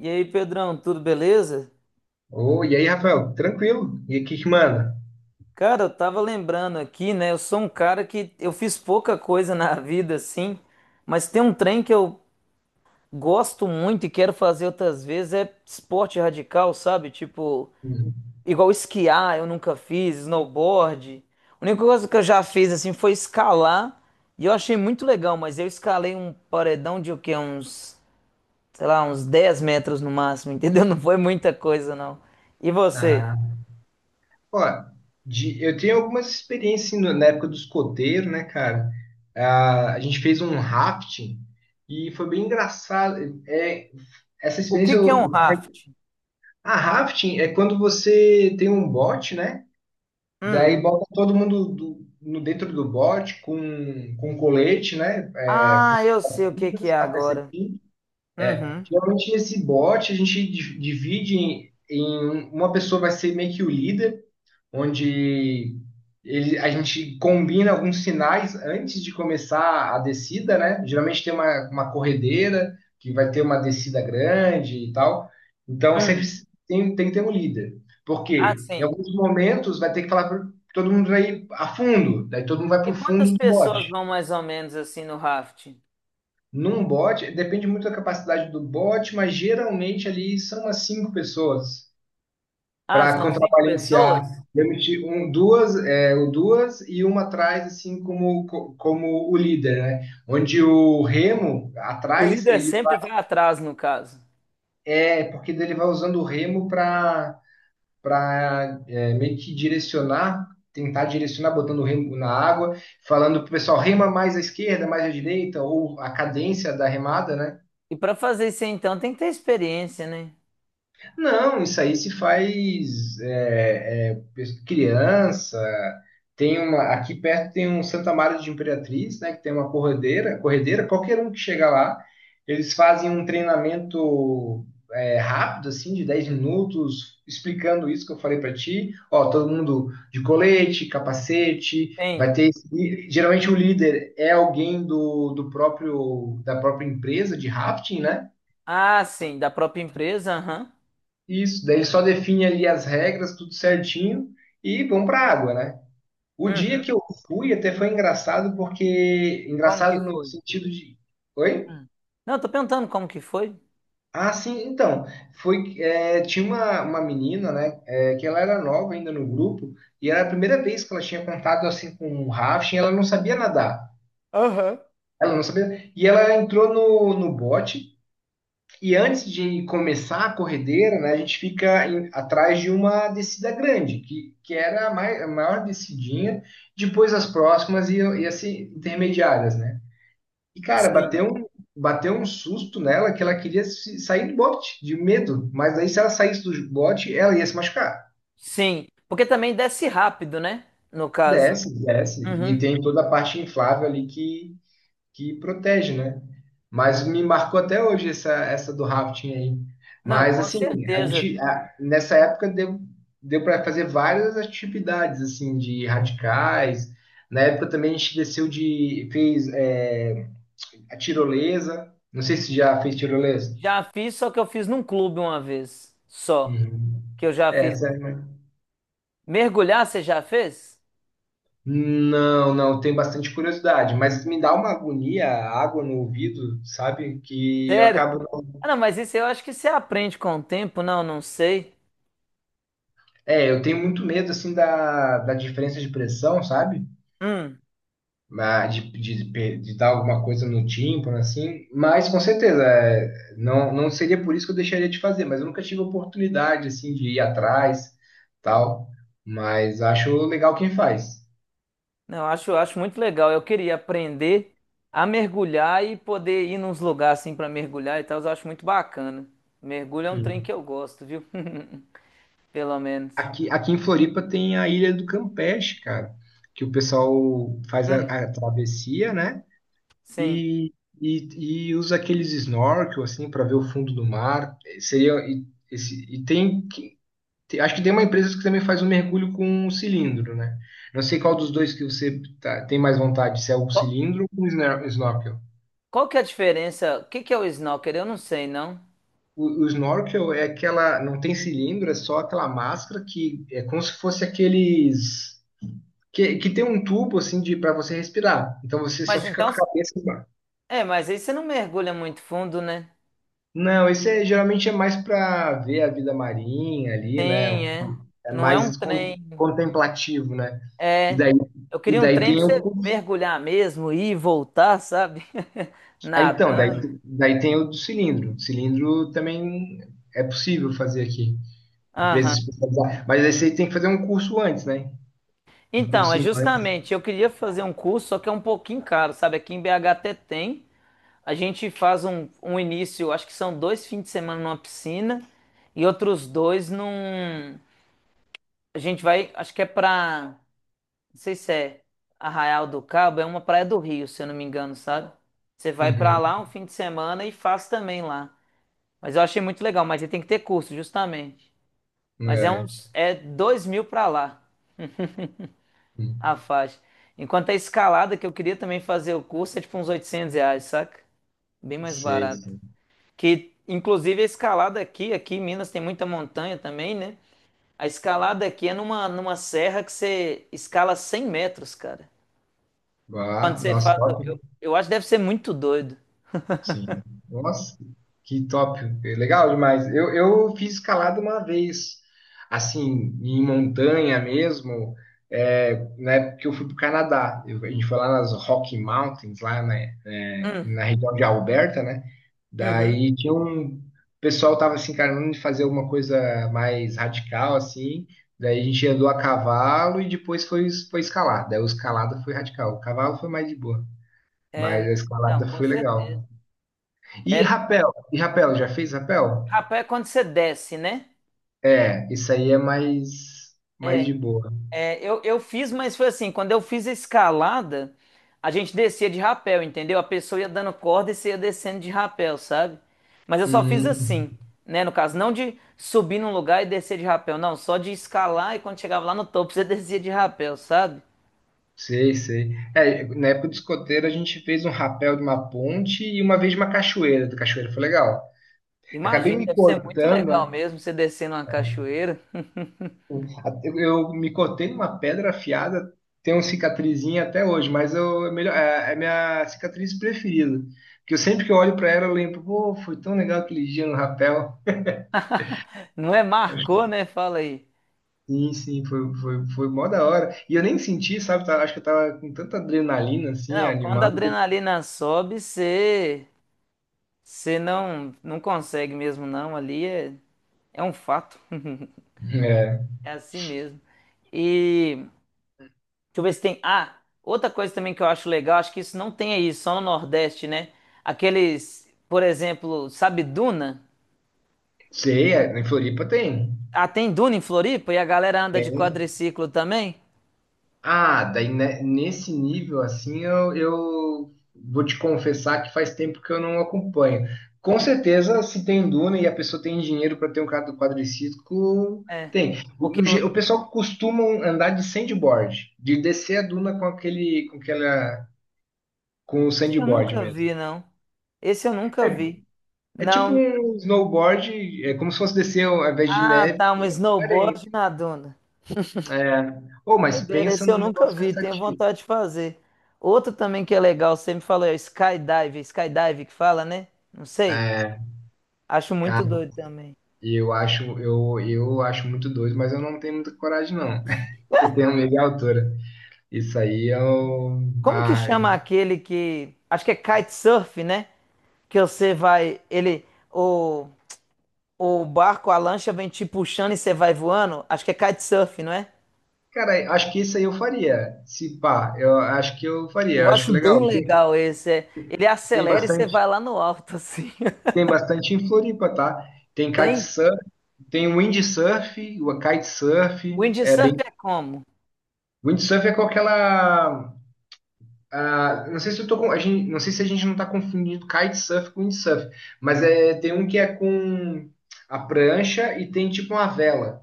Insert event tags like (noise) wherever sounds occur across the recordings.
E aí, Pedrão, tudo beleza? Ô, e aí, Rafael, tranquilo? E o que que manda? Cara, eu tava lembrando aqui, né? Eu sou um cara que eu fiz pouca coisa (laughs) na vida, assim, mas tem um trem que eu gosto muito e quero fazer outras vezes, é esporte radical, sabe? Tipo, Uhum. igual esquiar, eu nunca fiz, snowboard. A única coisa que eu já fiz, assim, foi escalar, e eu achei muito legal, mas eu escalei um paredão de o quê? Uns, sei lá, uns 10 metros no máximo, entendeu? (laughs) Não foi muita coisa, não. E você? Ah, ó, eu tenho algumas experiências assim, na época do escoteiro, né, cara? Ah, a gente fez um rafting e foi bem engraçado. É, essa O que experiência. que é um raft? Ah, rafting é quando você tem um bote, né? Hum. Daí bota todo mundo no dentro do bote com colete, né? Ah, eu sei o que que é agora. Uhum. Geralmente esse bot a gente divide em um, uma pessoa vai ser meio que o líder, onde ele, a gente combina alguns sinais antes de começar a descida, né? Geralmente tem uma corredeira que vai ter uma descida grande e tal. Então sempre Hum. Tem que ter um líder. Ah, Porque em sim. alguns momentos vai ter que falar para todo mundo vai a fundo, daí todo mundo vai para E o quantas fundo do pessoas bot. vão mais ou menos assim no rafting? Num bot, depende muito da capacidade do bot, mas geralmente ali são umas cinco pessoas Ah, para são cinco pessoas? contrabalancear. Eu meti um, duas, é, o duas e uma atrás, assim como, como o líder, né? Onde o remo O atrás, líder ele sempre vai atrás, no caso. é porque ele vai usando o remo para meio que direcionar, tentar direcionar, botando o remo na água, falando para o pessoal, rema mais à esquerda, mais à direita, ou a cadência da remada, né? E para fazer isso aí, então, tem que ter experiência, né? Não, isso aí se faz é criança. Tem uma, aqui perto tem um Santa Maria de Imperatriz, né, que tem uma corredeira, qualquer um que chega lá, eles fazem um treinamento é, rápido, assim, de 10 minutos, explicando isso que eu falei para ti. Ó, todo mundo de colete, capacete, vai Tem. ter. Geralmente o líder é alguém do próprio da própria empresa de rafting, né? Ah, sim, da própria empresa, aham. Isso, daí ele só define ali as regras, tudo certinho, e vão para a água, né? O dia Uhum. que eu fui até foi engraçado, porque. Como que Engraçado no foi? sentido de. Oi? Hum. Não, eu tô perguntando como que foi. Ah, sim, então. Foi, é, tinha uma menina, né? É, que ela era nova ainda no grupo, e era a primeira vez que ela tinha contato assim com um rafting, ela não sabia nadar. Aham. Ela não sabia. E ela entrou no bote que antes de começar a corredeira, né, a gente fica atrás de uma descida grande, que era a, a maior descidinha, depois as próximas iam, iam se intermediárias, né? E, cara, Sim. Bateu um susto nela que ela queria sair do bote, de medo, mas aí se ela saísse do bote, ela ia se machucar. Sim, porque também desce rápido, né? No caso. Desce, e Uhum. tem toda a parte inflável ali que protege, né? Mas me marcou até hoje essa do rafting aí. Não, Mas com assim, certeza. Nessa época deu para fazer várias atividades assim de radicais. Na época também a gente desceu de fez é, a tirolesa. Não sei se já fez tirolesa. Já fiz, só que eu fiz num clube uma vez. Só. Uhum. Que eu já É, fiz. sério, né? Mergulhar, você já fez? Não, não, tenho bastante curiosidade, mas me dá uma agonia a água no ouvido, sabe? Que eu acabo. Sério? Ah, não, mas isso eu acho que você aprende com o tempo. Não, não sei. É, eu tenho muito medo, assim, da diferença de pressão, sabe? Hum, Ah, de dar alguma coisa no tímpano, assim. Mas, com certeza, é, não, não seria por isso que eu deixaria de fazer. Mas eu nunca tive oportunidade, assim, de ir atrás, tal. Mas acho legal quem faz. não, eu acho muito legal. Eu queria aprender a mergulhar e poder ir nos lugares assim pra mergulhar e tal. Eu acho muito bacana. Mergulho é um trem Hum. que eu gosto, viu? (laughs) Pelo menos. Aqui em Floripa tem a Ilha do Campeche, cara. Que o pessoal faz Hum, a travessia, né? sim. E, e usa aqueles snorkel assim para ver o fundo do mar. Eh, seria e, esse, e tem, acho que tem uma empresa que também faz um mergulho com um cilindro, né? Não sei qual dos dois que você tem mais vontade, se é o Qual, cilindro ou o snorkel. qual que é a diferença? O que que é o snorkel? Eu não sei, não. O snorkel é aquela, não tem cilindro, é só aquela máscara que é como se fosse aqueles que tem um tubo assim de para você respirar. Então você só Mas fica com então, a cabeça. é, mas aí você não mergulha muito fundo, né? Não, esse é, geralmente é mais para ver a vida marinha ali, né? Sim, é. É Não é um mais trem. contemplativo, né? E É. daí, Eu e queria um daí trem pra tem o você curso- mergulhar mesmo, ir e voltar, sabe? (laughs) Ah, então, daí, Nadando. daí tem o do cilindro. Cilindro também é possível fazer aqui. Empresas Aham. especializadas. Mas aí você tem que fazer um curso antes, né? Um Então, é cursinho antes. justamente, eu queria fazer um curso, só que é um pouquinho caro, sabe? Aqui em BH até tem. A gente faz um início, acho que são dois fins de semana numa piscina e outros dois num. A gente vai, acho que é pra, não sei se é Arraial do Cabo, é uma praia do Rio, se eu não me engano, sabe? Você vai pra Uhum. lá um fim de semana e faz também lá. Mas eu achei muito legal, mas aí tem que ter curso, justamente. Mas é É. uns, é dois mil pra lá a faixa. Enquanto a escalada, que eu queria também fazer o curso, é tipo uns 800 reais, saca? Bem mais Sei, barato. sim. Que, inclusive, a escalada aqui, aqui em Minas tem muita montanha também, né? A escalada aqui é numa, numa serra que você escala 100 metros, cara. Quando Ah, você nossa, faz, top. Eu acho que deve ser muito doido. Sim. Nossa, que top. É legal demais. Eu fiz escalada uma vez, assim, em montanha mesmo, é, na época que eu fui para o Canadá. A gente foi lá nas Rocky Mountains, lá né, é, na região de Alberta, né? Uhum. Daí tinha um... O pessoal tava se encarando de fazer alguma coisa mais radical, assim. Daí a gente andou a cavalo e depois foi, foi escalar. Daí o escalada foi radical. O cavalo foi mais de boa, mas É, a não, escalada com foi legal. certeza. É, E rapel, já fez rapel? rapaz, é quando você desce, né? É, isso aí é mais É, de boa. é, eu fiz, mas foi assim, quando eu fiz a escalada, a gente descia de rapel, entendeu? A pessoa ia dando corda e você ia descendo de rapel, sabe? Mas eu só fiz Hum, assim, né? No caso, não de subir num lugar e descer de rapel, não, só de escalar e quando chegava lá no topo, você (laughs) descia de rapel, sabe? Sei. É, na época do escoteiro a gente fez um rapel de uma ponte e uma vez de uma cachoeira, da cachoeira foi legal. Acabei Imagina, me deve ser muito cortando, legal né? mesmo você descendo uma cachoeira. Eu me cortei numa pedra afiada, tenho uma cicatrizinha até hoje, mas eu, é, melhor, é, é a minha cicatriz preferida. Porque eu sempre que eu olho para ela eu lembro, pô, foi tão legal aquele dia no rapel. Não é marcou, né? Fala aí. Sim, sim, foi, foi, foi mó da hora. E eu nem senti, sabe? Acho que eu tava com tanta adrenalina, assim, Não, quando a animado. adrenalina sobe, você você não consegue mesmo não, ali é, é um fato. (laughs) É. É assim mesmo. E deixa eu ver se tem. Ah, outra coisa também que eu acho legal, acho que isso não tem aí, só no Nordeste, né? Aqueles, por exemplo, sabe Duna? Sei, é, em Floripa tem. Ah, tem Duna em Floripa e a galera anda de Tem. quadriciclo também? Ah, daí né, nesse nível, assim, eu vou te confessar que faz tempo que eu não acompanho. Com É. certeza, se tem duna e a pessoa tem dinheiro para ter um quadro quadriciclo, É. tem. Porque O pessoal costuma andar de sandboard, de descer a duna com aquele, com aquela, com o esse eu sandboard nunca mesmo. vi, não. Esse eu nunca vi. É tipo Não, um snowboard, é como se fosse descer ao invés de ah, neve, tá, um é areia. snowboard na duna. Ô, mas Doideira, pensa esse eu num nunca negócio vi, tenho cansativo. vontade de fazer. Outro também que é legal, você me falou, é o skydive, skydive que fala, né? Não sei, É, acho muito cara, doido também. eu acho, eu acho muito doido, mas eu não tenho muita coragem, não. (laughs) Eu tenho medo de altura. Isso aí eu. Como que Ah, chama aquele que, acho que é kitesurf, né? Que você vai, ele, o, o barco, a lancha vem te puxando e você vai voando? Acho que é kitesurf, não é? cara, acho que isso aí eu faria. Se pá, eu acho que eu faria, Eu eu acho acho bem legal. Tem, legal esse, é. Ele tem acelera e você vai bastante, lá no alto, assim. tem (laughs) bastante em Floripa, tá? Tem Tem? kitesurf, tem windsurf, o kitesurf, é Windsurf bem. é como? Windsurf é com aquela. Ah, não sei se eu tô com, a gente, não sei se a gente não está confundindo kitesurf com windsurf, mas é, tem um que é com a prancha e tem tipo uma vela.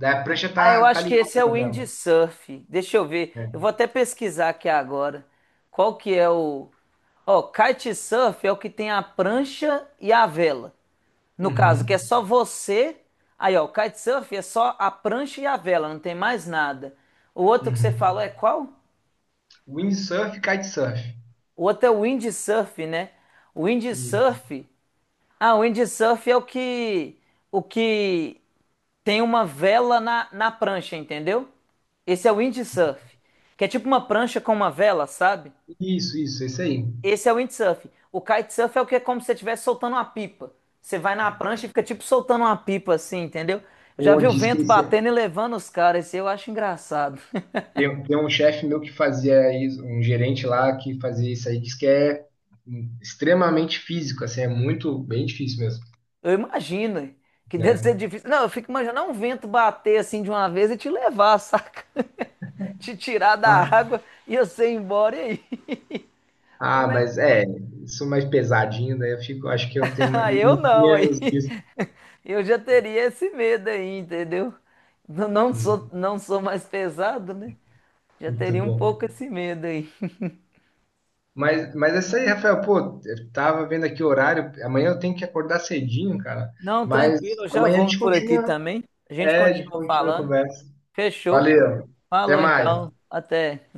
Daí a prancha Ah, eu tá acho que ligada esse é o na vela, windsurf. Deixa eu ver. Eu vou né? até pesquisar aqui agora. Qual que é o. Ó, kitesurf é o que tem a prancha e a vela. No caso, que é Uhum, só você. Aí, ó, o kitesurf é só a prancha e a vela, não tem mais nada. O outro que você uhum. falou é qual? Windsurf, kitesurf. O outro é o windsurf, né? O Isso, windsurf. Ah, o windsurf é o que, o que tem uma vela na prancha, entendeu? Esse é o windsurf, que é tipo uma prancha com uma vela, sabe? isso, isso, esse aí. Esse é o windsurf. O kitesurf é o que é como se você estivesse soltando uma pipa. Você vai na prancha e fica tipo soltando uma pipa assim, entendeu? Eu já Ou vi o diz que vento esse batendo e levando os caras, isso eu acho engraçado. (laughs) tem, um chefe meu que fazia isso, um gerente lá que fazia isso aí, diz que é extremamente físico, assim, é muito bem difícil mesmo, Eu imagino hein, que deve ser né? difícil. Não, eu fico imaginando um vento bater assim de uma vez e te levar, saca? (laughs) Te tirar da água e você ir embora e aí. (laughs) Ah, Como é mas que foi? é, isso mais pesadinho, né? Eu fico, acho que eu (laughs) tenho Ah, eu menos, não, aí menos (laughs) disso. eu já teria esse medo aí, entendeu? Não sou, Hum, não sou mais pesado, né? Já muito teria um bom. pouco esse medo aí. (laughs) Mas é isso aí, Rafael, pô, eu tava vendo aqui o horário, amanhã eu tenho que acordar cedinho, cara. Não, tranquilo, Mas eu já amanhã a vou gente por aqui continua, também. A gente é, a gente continua continua a falando. conversa. Fechou. Valeu, até Falou mais. então. Até.